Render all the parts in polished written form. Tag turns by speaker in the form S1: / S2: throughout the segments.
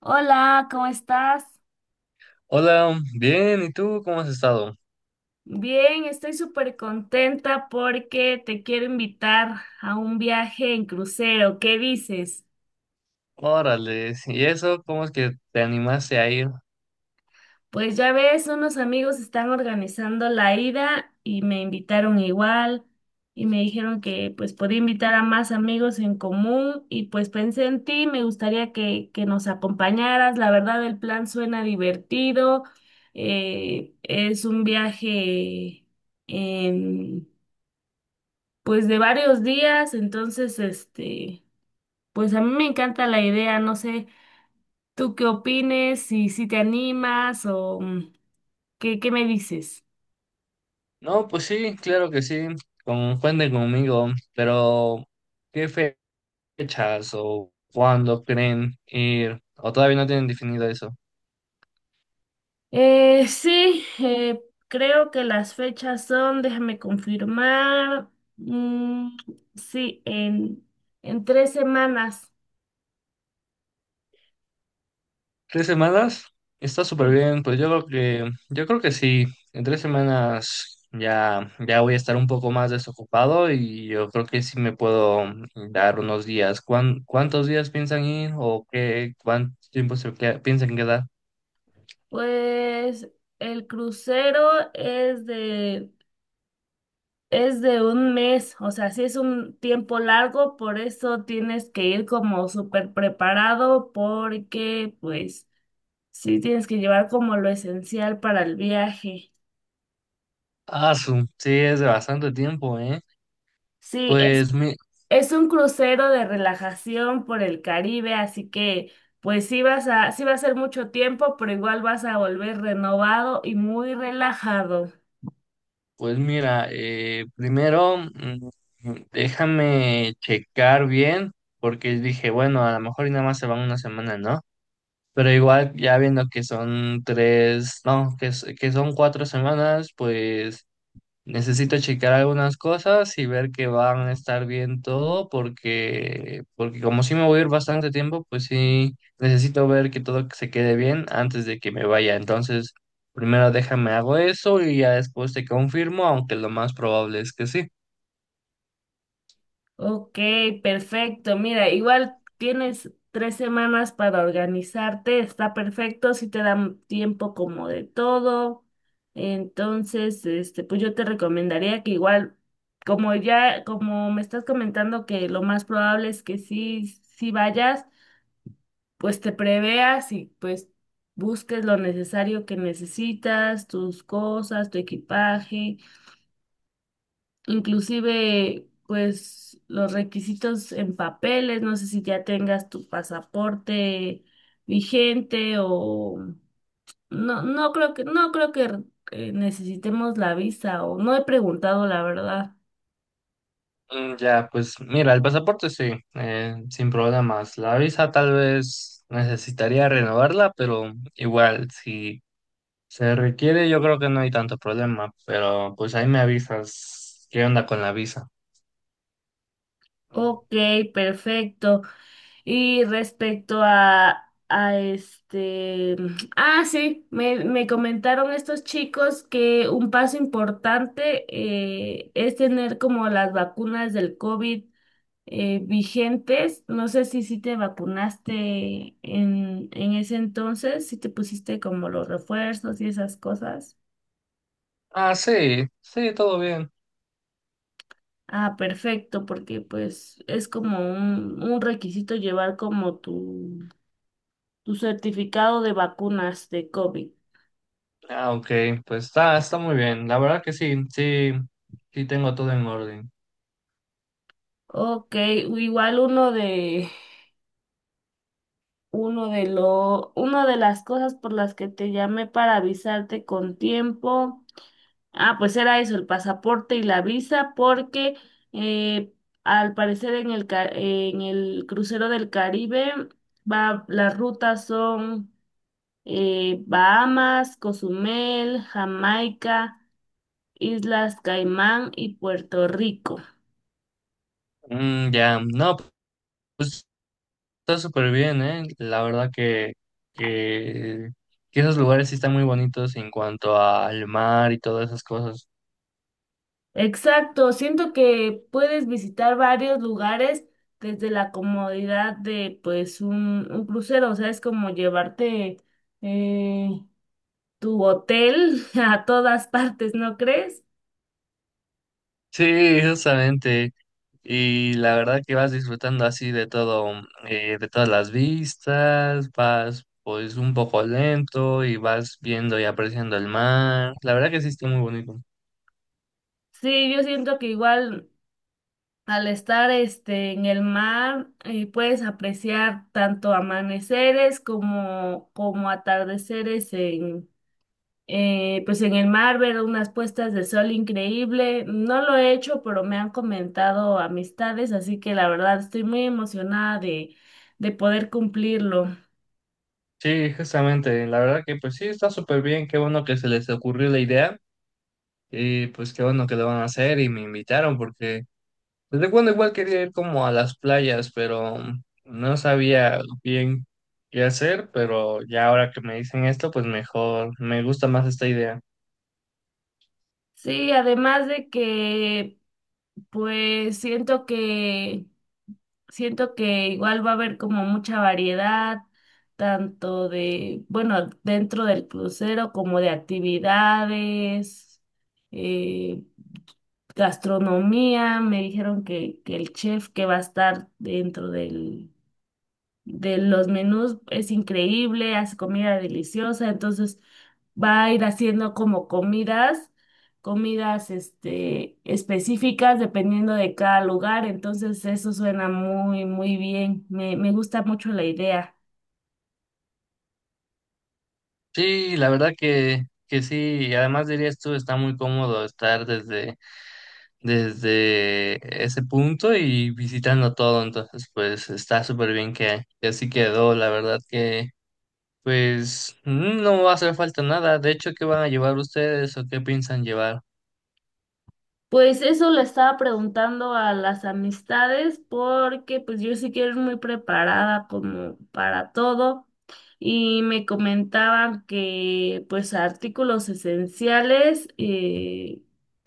S1: Hola, ¿cómo estás?
S2: Hola, bien, ¿y tú cómo has estado?
S1: Bien, estoy súper contenta porque te quiero invitar a un viaje en crucero. ¿Qué dices?
S2: Órale, sí, ¿y eso cómo es que te animaste a ir?
S1: Pues ya ves, unos amigos están organizando la ida y me invitaron igual y me dijeron que pues podía invitar a más amigos en común y pues pensé en ti. Me gustaría que nos acompañaras. La verdad, el plan suena divertido. Es un viaje en pues de varios días. Entonces, pues a mí me encanta la idea, no sé. Tú qué opines, si te animas o qué me dices.
S2: No, pues sí, claro que sí, cuenten conmigo, pero ¿qué fechas o cuándo creen ir? ¿O todavía no tienen definido eso?
S1: Sí, creo que las fechas son, déjame confirmar, mm, sí, en tres semanas.
S2: 3 semanas está súper
S1: Sí.
S2: bien, pues yo creo que sí, en 3 semanas ya voy a estar un poco más desocupado y yo creo que sí me puedo dar unos días. Cuántos días piensan ir o qué, cuánto tiempo piensan quedar?
S1: Pues el crucero es de Es de un mes. O sea, sí es un tiempo largo, por eso tienes que ir como súper preparado, porque pues sí tienes que llevar como lo esencial para el viaje.
S2: Ah, sí, es bastante tiempo, ¿eh?
S1: Sí, es,
S2: Pues, mi,
S1: es un crucero de relajación por el Caribe, así que pues sí va a ser mucho tiempo, pero igual vas a volver renovado y muy relajado.
S2: pues mira, primero déjame checar bien, porque dije, bueno, a lo mejor y nada más se van una semana, ¿no? Pero igual, ya viendo que son tres, no, que son 4 semanas, pues necesito checar algunas cosas y ver que van a estar bien todo, porque como sí me voy a ir bastante tiempo, pues sí, necesito ver que todo se quede bien antes de que me vaya. Entonces, primero déjame hago eso y ya después te confirmo, aunque lo más probable es que sí.
S1: Ok, perfecto. Mira, igual tienes tres semanas para organizarte, está perfecto, si te dan tiempo como de todo. Entonces, pues yo te recomendaría que igual, como ya, como me estás comentando que lo más probable es que sí vayas, pues te preveas y pues busques lo necesario que necesitas, tus cosas, tu equipaje, inclusive pues los requisitos en papeles. No sé si ya tengas tu pasaporte vigente o no. No creo que necesitemos la visa, o no he preguntado la verdad.
S2: Ya, pues mira, el pasaporte sí, sin problemas. La visa tal vez necesitaría renovarla, pero igual, si se requiere, yo creo que no hay tanto problema, pero pues ahí me avisas qué onda con la visa.
S1: Ok, perfecto. Y respecto a este, ah, sí, me comentaron estos chicos que un paso importante es tener como las vacunas del COVID vigentes. No sé si te vacunaste en ese entonces, si te pusiste como los refuerzos y esas cosas.
S2: Ah, sí, sí, todo bien.
S1: Ah, perfecto, porque pues es como un requisito llevar como tu, certificado de vacunas de COVID.
S2: Ah, ok, pues está muy bien. La verdad que sí, sí, sí tengo todo en orden.
S1: Ok, igual una de las cosas por las que te llamé para avisarte con tiempo. Ah, pues era eso, el pasaporte y la visa, porque eh, al parecer en el crucero del Caribe, va, las rutas son Bahamas, Cozumel, Jamaica, Islas Caimán y Puerto Rico.
S2: Ya, no, pues está súper bien, ¿eh? La verdad que, que esos lugares sí están muy bonitos en cuanto al mar y todas esas cosas.
S1: Exacto, siento que puedes visitar varios lugares desde la comodidad de pues un crucero. O sea, es como llevarte eh, tu hotel a todas partes, ¿no crees?
S2: Sí, justamente. Y la verdad que vas disfrutando así de todo, de todas las vistas, vas pues un poco lento y vas viendo y apreciando el mar. La verdad que sí está muy bonito.
S1: Sí, yo siento que igual al estar este en el mar, puedes apreciar tanto amaneceres como, atardeceres en pues en el mar, ver unas puestas de sol increíble. No lo he hecho, pero me han comentado amistades, así que la verdad estoy muy emocionada de, poder cumplirlo.
S2: Sí, justamente. La verdad que pues sí está súper bien. Qué bueno que se les ocurrió la idea. Y pues qué bueno que lo van a hacer y me invitaron porque pues recuerdo igual quería ir como a las playas, pero no sabía bien qué hacer, pero ya ahora que me dicen esto, pues mejor, me gusta más esta idea.
S1: Sí, además de que pues siento que igual va a haber como mucha variedad, tanto de, bueno, dentro del crucero como de actividades, eh, gastronomía. Me dijeron que el chef que va a estar dentro de los menús es increíble, hace comida deliciosa. Entonces va a ir haciendo como comidas, específicas dependiendo de cada lugar. Entonces eso suena muy, muy bien, me gusta mucho la idea.
S2: Sí, la verdad que sí, y además dirías tú, está muy cómodo estar desde ese punto y visitando todo, entonces pues está súper bien que así quedó, la verdad que pues no va a hacer falta nada, de hecho, ¿qué van a llevar ustedes o qué piensan llevar?
S1: Pues eso le estaba preguntando a las amistades porque pues yo sí que era muy preparada como para todo, y me comentaban que pues artículos esenciales,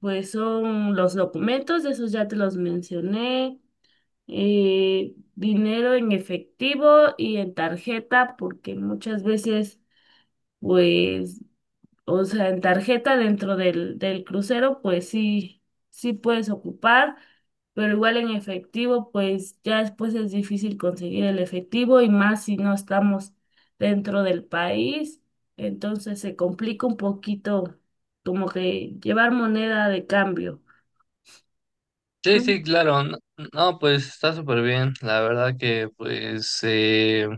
S1: pues son los documentos, esos ya te los mencioné, dinero en efectivo y en tarjeta, porque muchas veces pues, o sea, en tarjeta dentro del crucero, pues sí puedes ocupar, pero igual en efectivo, pues ya después es difícil conseguir el efectivo, y más si no estamos dentro del país. Entonces se complica un poquito como que llevar moneda de cambio.
S2: Sí, sí, claro. No, no, pues está súper bien. La verdad que pues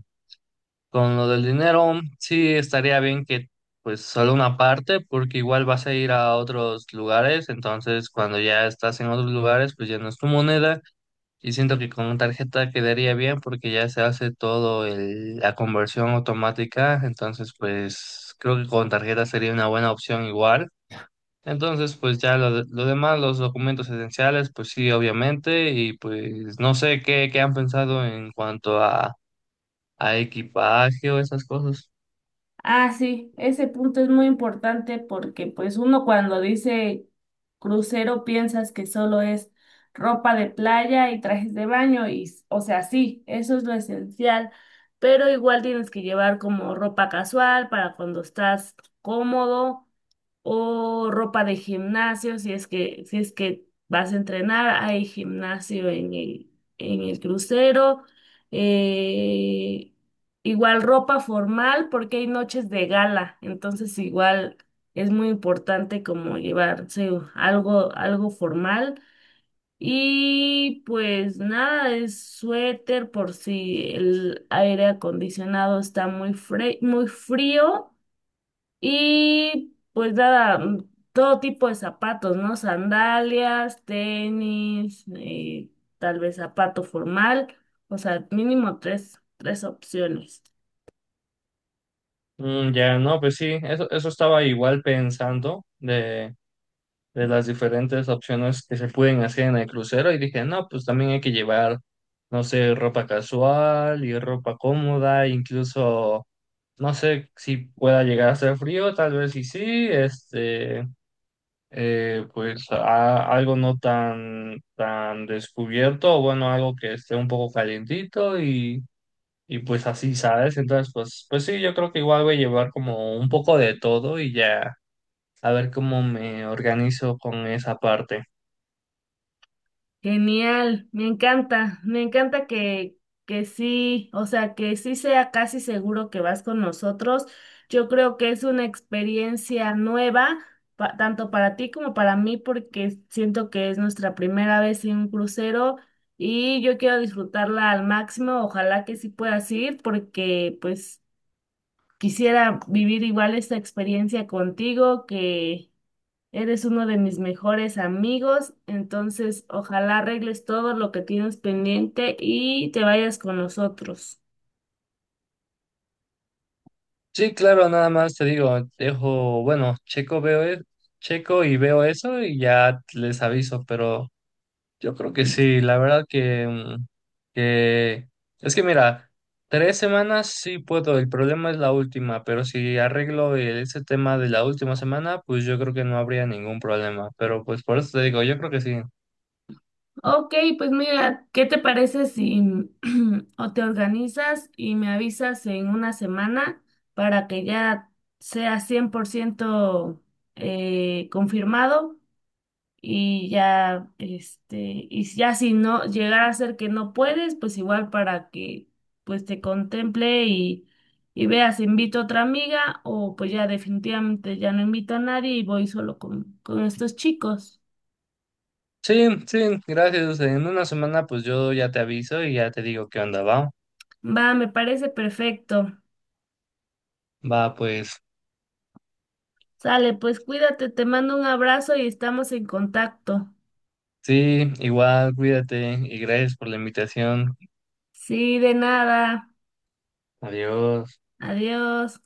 S2: con lo del dinero sí estaría bien que pues solo una parte porque igual vas a ir a otros lugares. Entonces cuando ya estás en otros lugares pues ya no es tu moneda y siento que con tarjeta quedaría bien porque ya se hace todo la conversión automática. Entonces pues creo que con tarjeta sería una buena opción igual. Entonces, pues ya lo demás, los documentos esenciales, pues sí, obviamente, y pues no sé qué han pensado en cuanto a equipaje o esas cosas.
S1: Ah, sí, ese punto es muy importante, porque pues uno cuando dice crucero piensas que solo es ropa de playa y trajes de baño, y, o sea, sí, eso es lo esencial, pero igual tienes que llevar como ropa casual para cuando estás cómodo, o ropa de gimnasio si es que, vas a entrenar, hay gimnasio en el, crucero. Eh, Igual ropa formal porque hay noches de gala, entonces igual es muy importante como llevarse algo formal. Y pues nada, es suéter por si el aire acondicionado está muy frío. Y pues nada, todo tipo de zapatos, ¿no? Sandalias, tenis, tal vez zapato formal, o sea, mínimo tres opciones.
S2: Ya, no, pues sí, eso estaba igual pensando de las diferentes opciones que se pueden hacer en el crucero y dije, no, pues también hay que llevar, no sé, ropa casual y ropa cómoda, incluso, no sé si pueda llegar a hacer frío, tal vez sí sí, pues algo no tan, tan descubierto, o bueno, algo que esté un poco calientito y pues así, ¿sabes? Entonces, pues sí, yo creo que igual voy a llevar como un poco de todo y ya a ver cómo me organizo con esa parte.
S1: Genial, me encanta que, sí, o sea, que sí sea casi seguro que vas con nosotros. Yo creo que es una experiencia nueva, tanto para ti como para mí, porque siento que es nuestra primera vez en un crucero, y yo quiero disfrutarla al máximo. Ojalá que sí puedas ir, porque pues quisiera vivir igual esta experiencia contigo, que. Eres uno de mis mejores amigos, entonces ojalá arregles todo lo que tienes pendiente y te vayas con nosotros.
S2: Sí, claro, nada más te digo, dejo, bueno, checo, veo, checo y veo eso y ya les aviso, pero. Yo creo que sí, la verdad que es que mira, 3 semanas sí puedo, el problema es la última, pero si arreglo ese tema de la última semana, pues yo creo que no habría ningún problema, pero pues por eso te digo, yo creo que sí.
S1: Ok, pues mira, ¿qué te parece si o te organizas y me avisas en una semana para que ya sea 100% confirmado? Y ya si no llegara a ser que no puedes, pues igual para que pues te contemple, y, veas, invito a otra amiga, o pues ya definitivamente ya no invito a nadie y voy solo con, estos chicos.
S2: Sí, sí, gracias. En una semana pues yo ya te aviso y ya te digo qué onda, va.
S1: Va, me parece perfecto.
S2: Va, pues
S1: Sale, pues cuídate, te mando un abrazo y estamos en contacto.
S2: sí, igual, cuídate y gracias por la invitación.
S1: Sí, de nada.
S2: Adiós.
S1: Adiós.